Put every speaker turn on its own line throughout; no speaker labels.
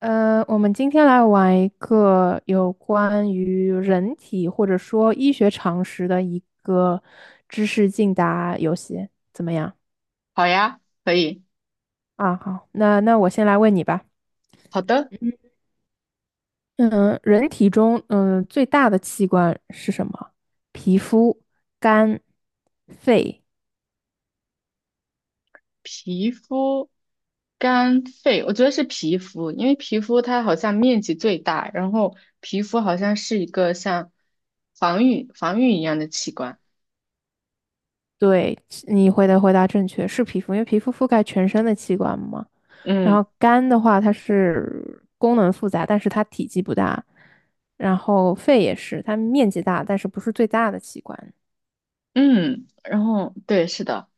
我们今天来玩一个有关于人体或者说医学常识的一个知识竞答游戏，怎么样？
好呀，可以。
啊，好，那我先来问你吧。
好的，
嗯，人体中最大的器官是什么？皮肤、肝、肺。
皮肤、肝、肺，我觉得是皮肤，因为皮肤它好像面积最大，然后皮肤好像是一个像防御一样的器官。
对，你回答正确，是皮肤，因为皮肤覆盖全身的器官嘛。然
嗯
后肝的话，它是功能复杂，但是它体积不大。然后肺也是，它面积大，但是不是最大的器官。
嗯，然后对，是的。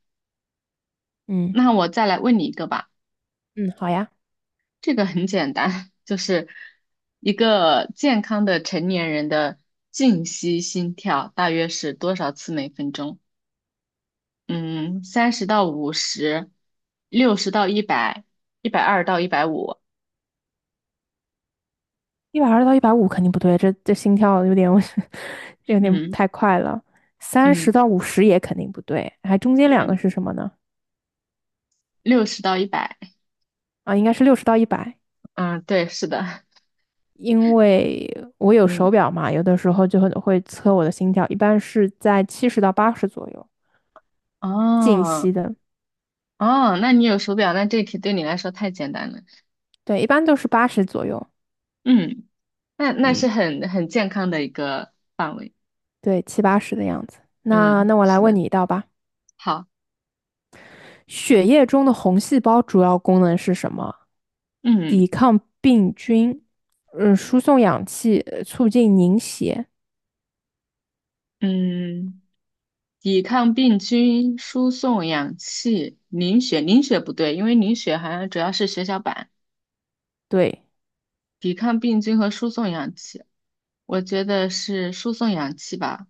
嗯
那我再来问你一个吧，
嗯，好呀，
这个很简单，就是一个健康的成年人的静息心跳大约是多少次每分钟？嗯，30到50，六十到一百，120到150，
120到150肯定不对，这心跳有点，我这有点
嗯
太快了。三十
嗯
到五十也肯定不对，还中间两
嗯，
个是什么呢？
六十到一百，
啊，应该是60到100。
嗯，对，是的，
因为我有
嗯，
手表嘛，有的时候就会测我的心跳，一般是在70到80左右，静息
哦
的，
哦，那你有手表，那这题对你来说太简单了，
对，一般都是八十左右，
嗯，那是
嗯，
很健康的一个范围，
对，七八十的样子。那
嗯，
那我来
是
问
的，
你一道吧，
好，
血液中的红细胞主要功能是什么？抵
嗯
抗病菌，嗯，输送氧气，促进凝血，
嗯，抵抗病菌，输送氧气，凝血，凝血不对，因为凝血好像主要是血小板。
对，
抵抗病菌和输送氧气。我觉得是输送氧气吧。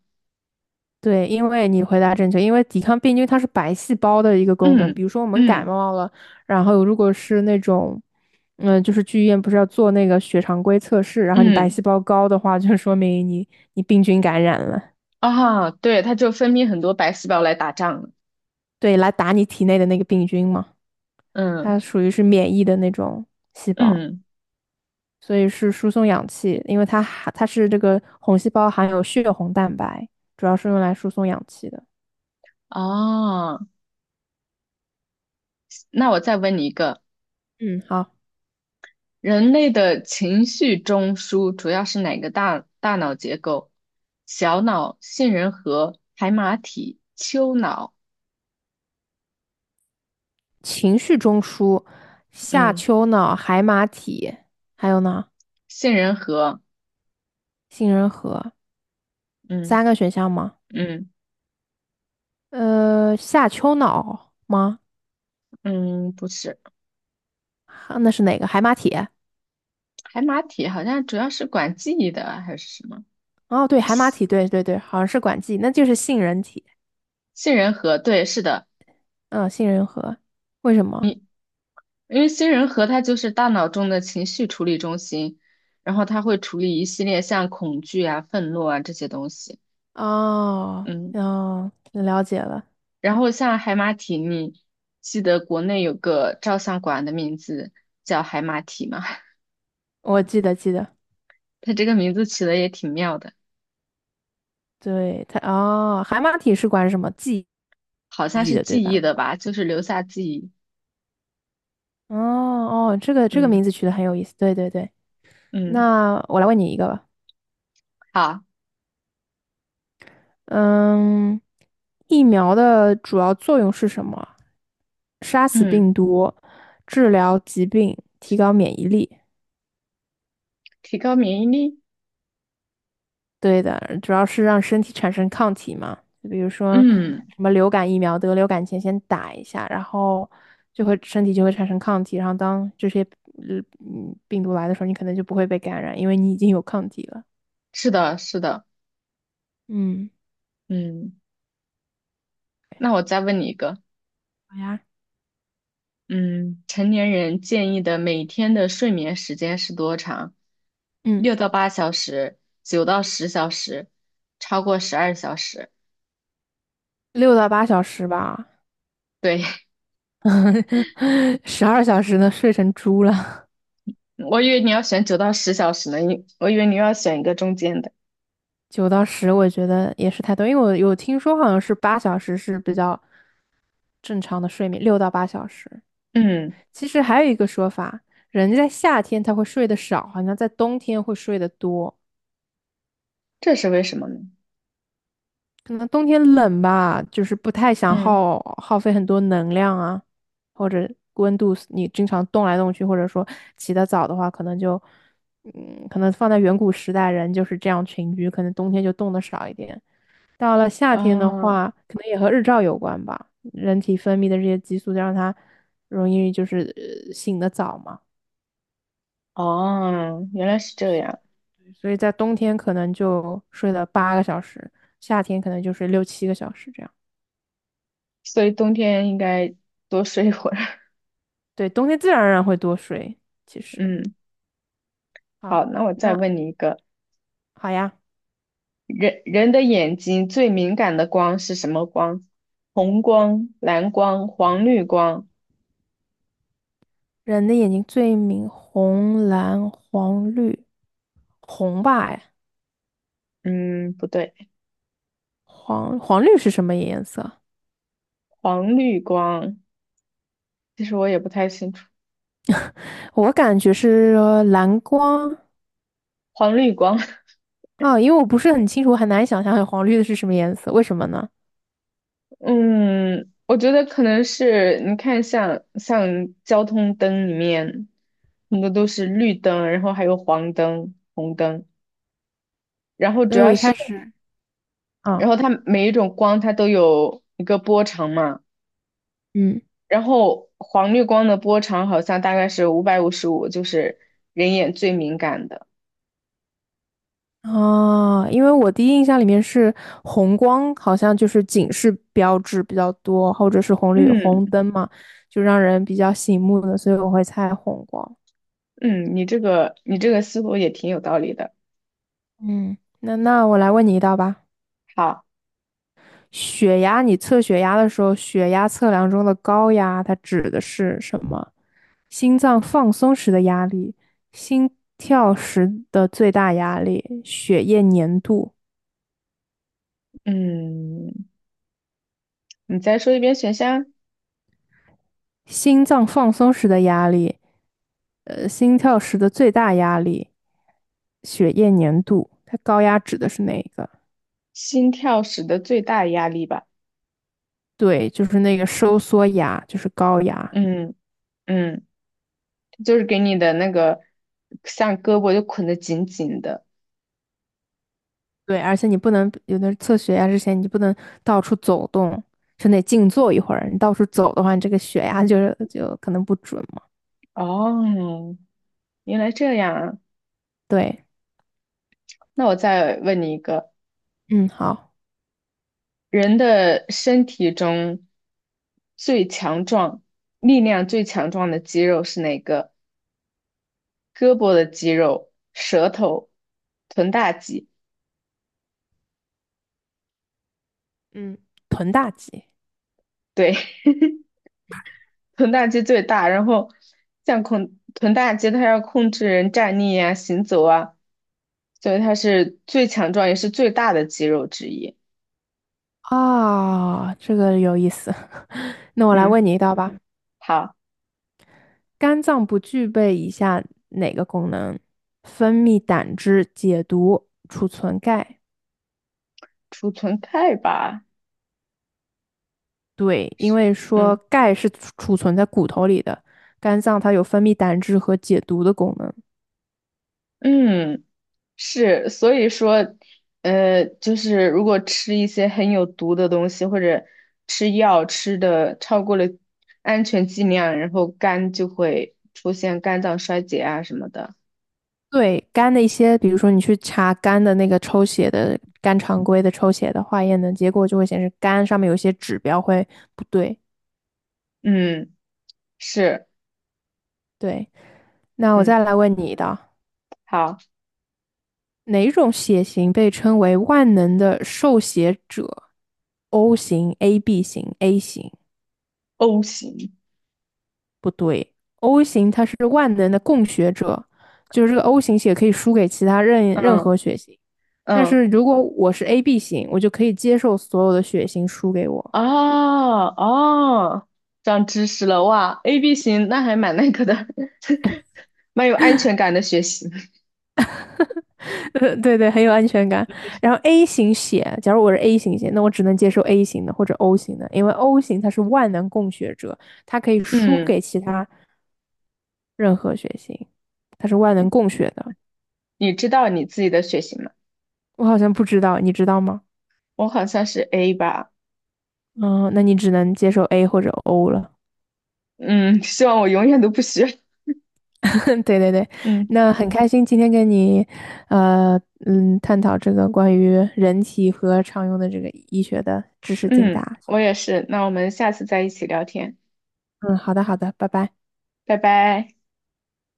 对，因为你回答正确，因为抵抗病菌它是白细胞的一个功能。比
嗯
如说我们感
嗯
冒了，然后如果是那种，嗯，就是去医院不是要做那个血常规测试，然后你白细
嗯，
胞高的话，就说明你病菌感染了，
啊，对，它就分泌很多白细胞来打仗了。
对，来打你体内的那个病菌嘛，
嗯
它属于是免疫的那种细胞，
嗯，
所以是输送氧气，因为它是这个红细胞含有血红蛋白，主要是用来输送氧气的。
啊，那我再问你一个，
嗯，好。
人类的情绪中枢主要是哪个大脑结构？小脑、杏仁核、海马体、丘脑。
情绪中枢、下
嗯，
丘脑、海马体，还有呢，
杏仁核。
杏仁核，
嗯
三个选项吗？
嗯
下丘脑吗？
嗯，不是，
啊那是哪个？海马体？
海马体好像主要是管记忆的还是什么？
哦，对，
这
海马
杏
体，对对对，好像是管记，那就是杏仁体，
杏仁核，对，是的。
嗯，杏仁核，为什么？
你因为杏人核它就是大脑中的情绪处理中心，然后它会处理一系列像恐惧啊、愤怒啊这些东西。
哦，
嗯，
哦，了解了，
然后像海马体，记得国内有个照相馆的名字叫海马体吗？
我记得记得，
它这个名字起的也挺妙的，
对它，哦，海马体是管什么记
好像
忆
是
的，对
记忆
吧？
的吧，就是留下记忆。
哦哦，这个
嗯
名字取得很有意思，对对对。
嗯，
那我来问你一个吧，
好，
嗯，疫苗的主要作用是什么？杀死
嗯，
病毒，治疗疾病，提高免疫力。
提高免疫力。
对的，主要是让身体产生抗体嘛。就比如说
嗯，
什么流感疫苗，得流感前先打一下，然后身体就会产生抗体，然后当这些病毒来的时候，你可能就不会被感染，因为你已经有抗体了。
是的，是的。
嗯，
嗯，那我再问你一个。
好呀，
嗯，成年人建议的每天的睡眠时间是多长？
嗯，
6到8小时，九到十小时，超过12小时。
六到八小时吧，
对，
12小时呢，睡成猪了。
我以为你要选九到十小时呢，我以为你要选一个中间的。
9到10，我觉得也是太多，因为我有听说好像是八小时是比较正常的睡眠，六到八小时。
嗯，
其实还有一个说法，人在夏天他会睡得少，好像在冬天会睡得多。
这是为什么呢？
可能冬天冷吧，就是不太想
嗯，
耗费很多能量啊，或者温度你经常动来动去，或者说起得早的话，可能就可能放在远古时代人就是这样群居，可能冬天就动得少一点。到了夏天的
啊，
话，可能也和日照有关吧，人体分泌的这些激素让它容易就是醒得早嘛，
哦，原来是这样，
所以在冬天可能就睡了8个小时，夏天可能就睡六七个小时这样。
所以冬天应该多睡一会儿。
对，冬天自然而然会多睡，其实。
嗯，
好，
好，那我再
那
问你一个，
好呀。
人的眼睛最敏感的光是什么光？红光、蓝光、黄绿光。
人的眼睛最明红、蓝、黄、绿，红吧？哎，
嗯，不对，
黄绿是什么颜色？
黄绿光，其实我也不太清楚。
我感觉是蓝光，
黄绿光，
啊，因为我不是很清楚，我很难想象黄绿的是什么颜色，为什么呢？
嗯，我觉得可能是你看像交通灯里面，很多都是绿灯，然后还有黄灯、红灯，然后
所
主
以我
要
一
是，
开始，啊，
然后它每一种光它都有一个波长嘛。
嗯，
然后黄绿光的波长好像大概是555，就是人眼最敏感的。
哦，因为我第一印象里面是红光，好像就是警示标志比较多，或者是红绿
嗯
红灯嘛，就让人比较醒目的，所以我会猜红光。
嗯，你这个思路也挺有道理的。
嗯，那我来问你一道吧。
好，
血压，你测血压的时候，血压测量中的高压，它指的是什么？心脏放松时的压力，心跳时的最大压力，血液粘度，
嗯，你再说一遍选项，
心脏放松时的压力，心跳时的最大压力，血液粘度。它高压指的是哪一个？
心跳时的最大压力吧。
对，就是那个收缩压，就是高压。
嗯嗯，就是给你的那个像胳膊就捆得紧紧的。
对，而且你不能有的测血压之前，你不能到处走动，就得静坐一会儿。你到处走的话，你这个血压就是就可能不准嘛。
哦，原来这样啊。
对，
那我再问你一个，
嗯，好，
人的身体中最强壮、力量最强壮的肌肉是哪个？胳膊的肌肉、舌头、臀大肌。
嗯，臀大肌。
对，臀大肌最大。然后臀大肌，它要控制人站立啊、行走啊，所以它是最强壮也是最大的肌肉之一。
啊，这个有意思。那我来
嗯，
问你一道吧，
好，
肝脏不具备以下哪个功能？分泌胆汁、解毒、储存钙。
储存钙吧。
对，因为说
嗯
钙是储存在骨头里的，肝脏它有分泌胆汁和解毒的功能。
嗯。是，所以说，就是如果吃一些很有毒的东西，或者吃药吃的超过了安全剂量，然后肝就会出现肝脏衰竭啊什么的。
对肝的一些，比如说你去查肝的那个抽血的肝常规的抽血的化验的结果，就会显示肝上面有一些指标会不对。
嗯，是，
对，那我再
嗯，
来问你的，
好
哪种血型被称为万能的受血者？O 型、AB 型、A 型
，O 型，
不对，O 型它是万能的供血者，就是这个 O 型血可以输给其他任任
嗯
何血型。但
嗯，
是如果我是 AB 型，我就可以接受所有的血型输给我。
哦哦，长知识了哇，AB 型那还蛮那个的，蛮有安全感的血型。
对对，很有安全感。然后 A 型血，假如我是 A 型血，那我只能接受 A 型的或者 O 型的，因为 O 型它是万能供血者，它可以输
嗯，
给其他任何血型，它是万能供血的。
你知道你自己的血型吗？
我好像不知道，你知道吗？
我好像是 A 吧。
嗯，那你只能接受 A 或者 O 了。
嗯，希望我永远都不学。
对对对，
嗯
那很开心今天跟你，探讨这个关于人体和常用的这个医学的知识竞
嗯，
答。
我也是。那我们下次再一起聊天，
嗯，好的好的，拜拜。
拜拜。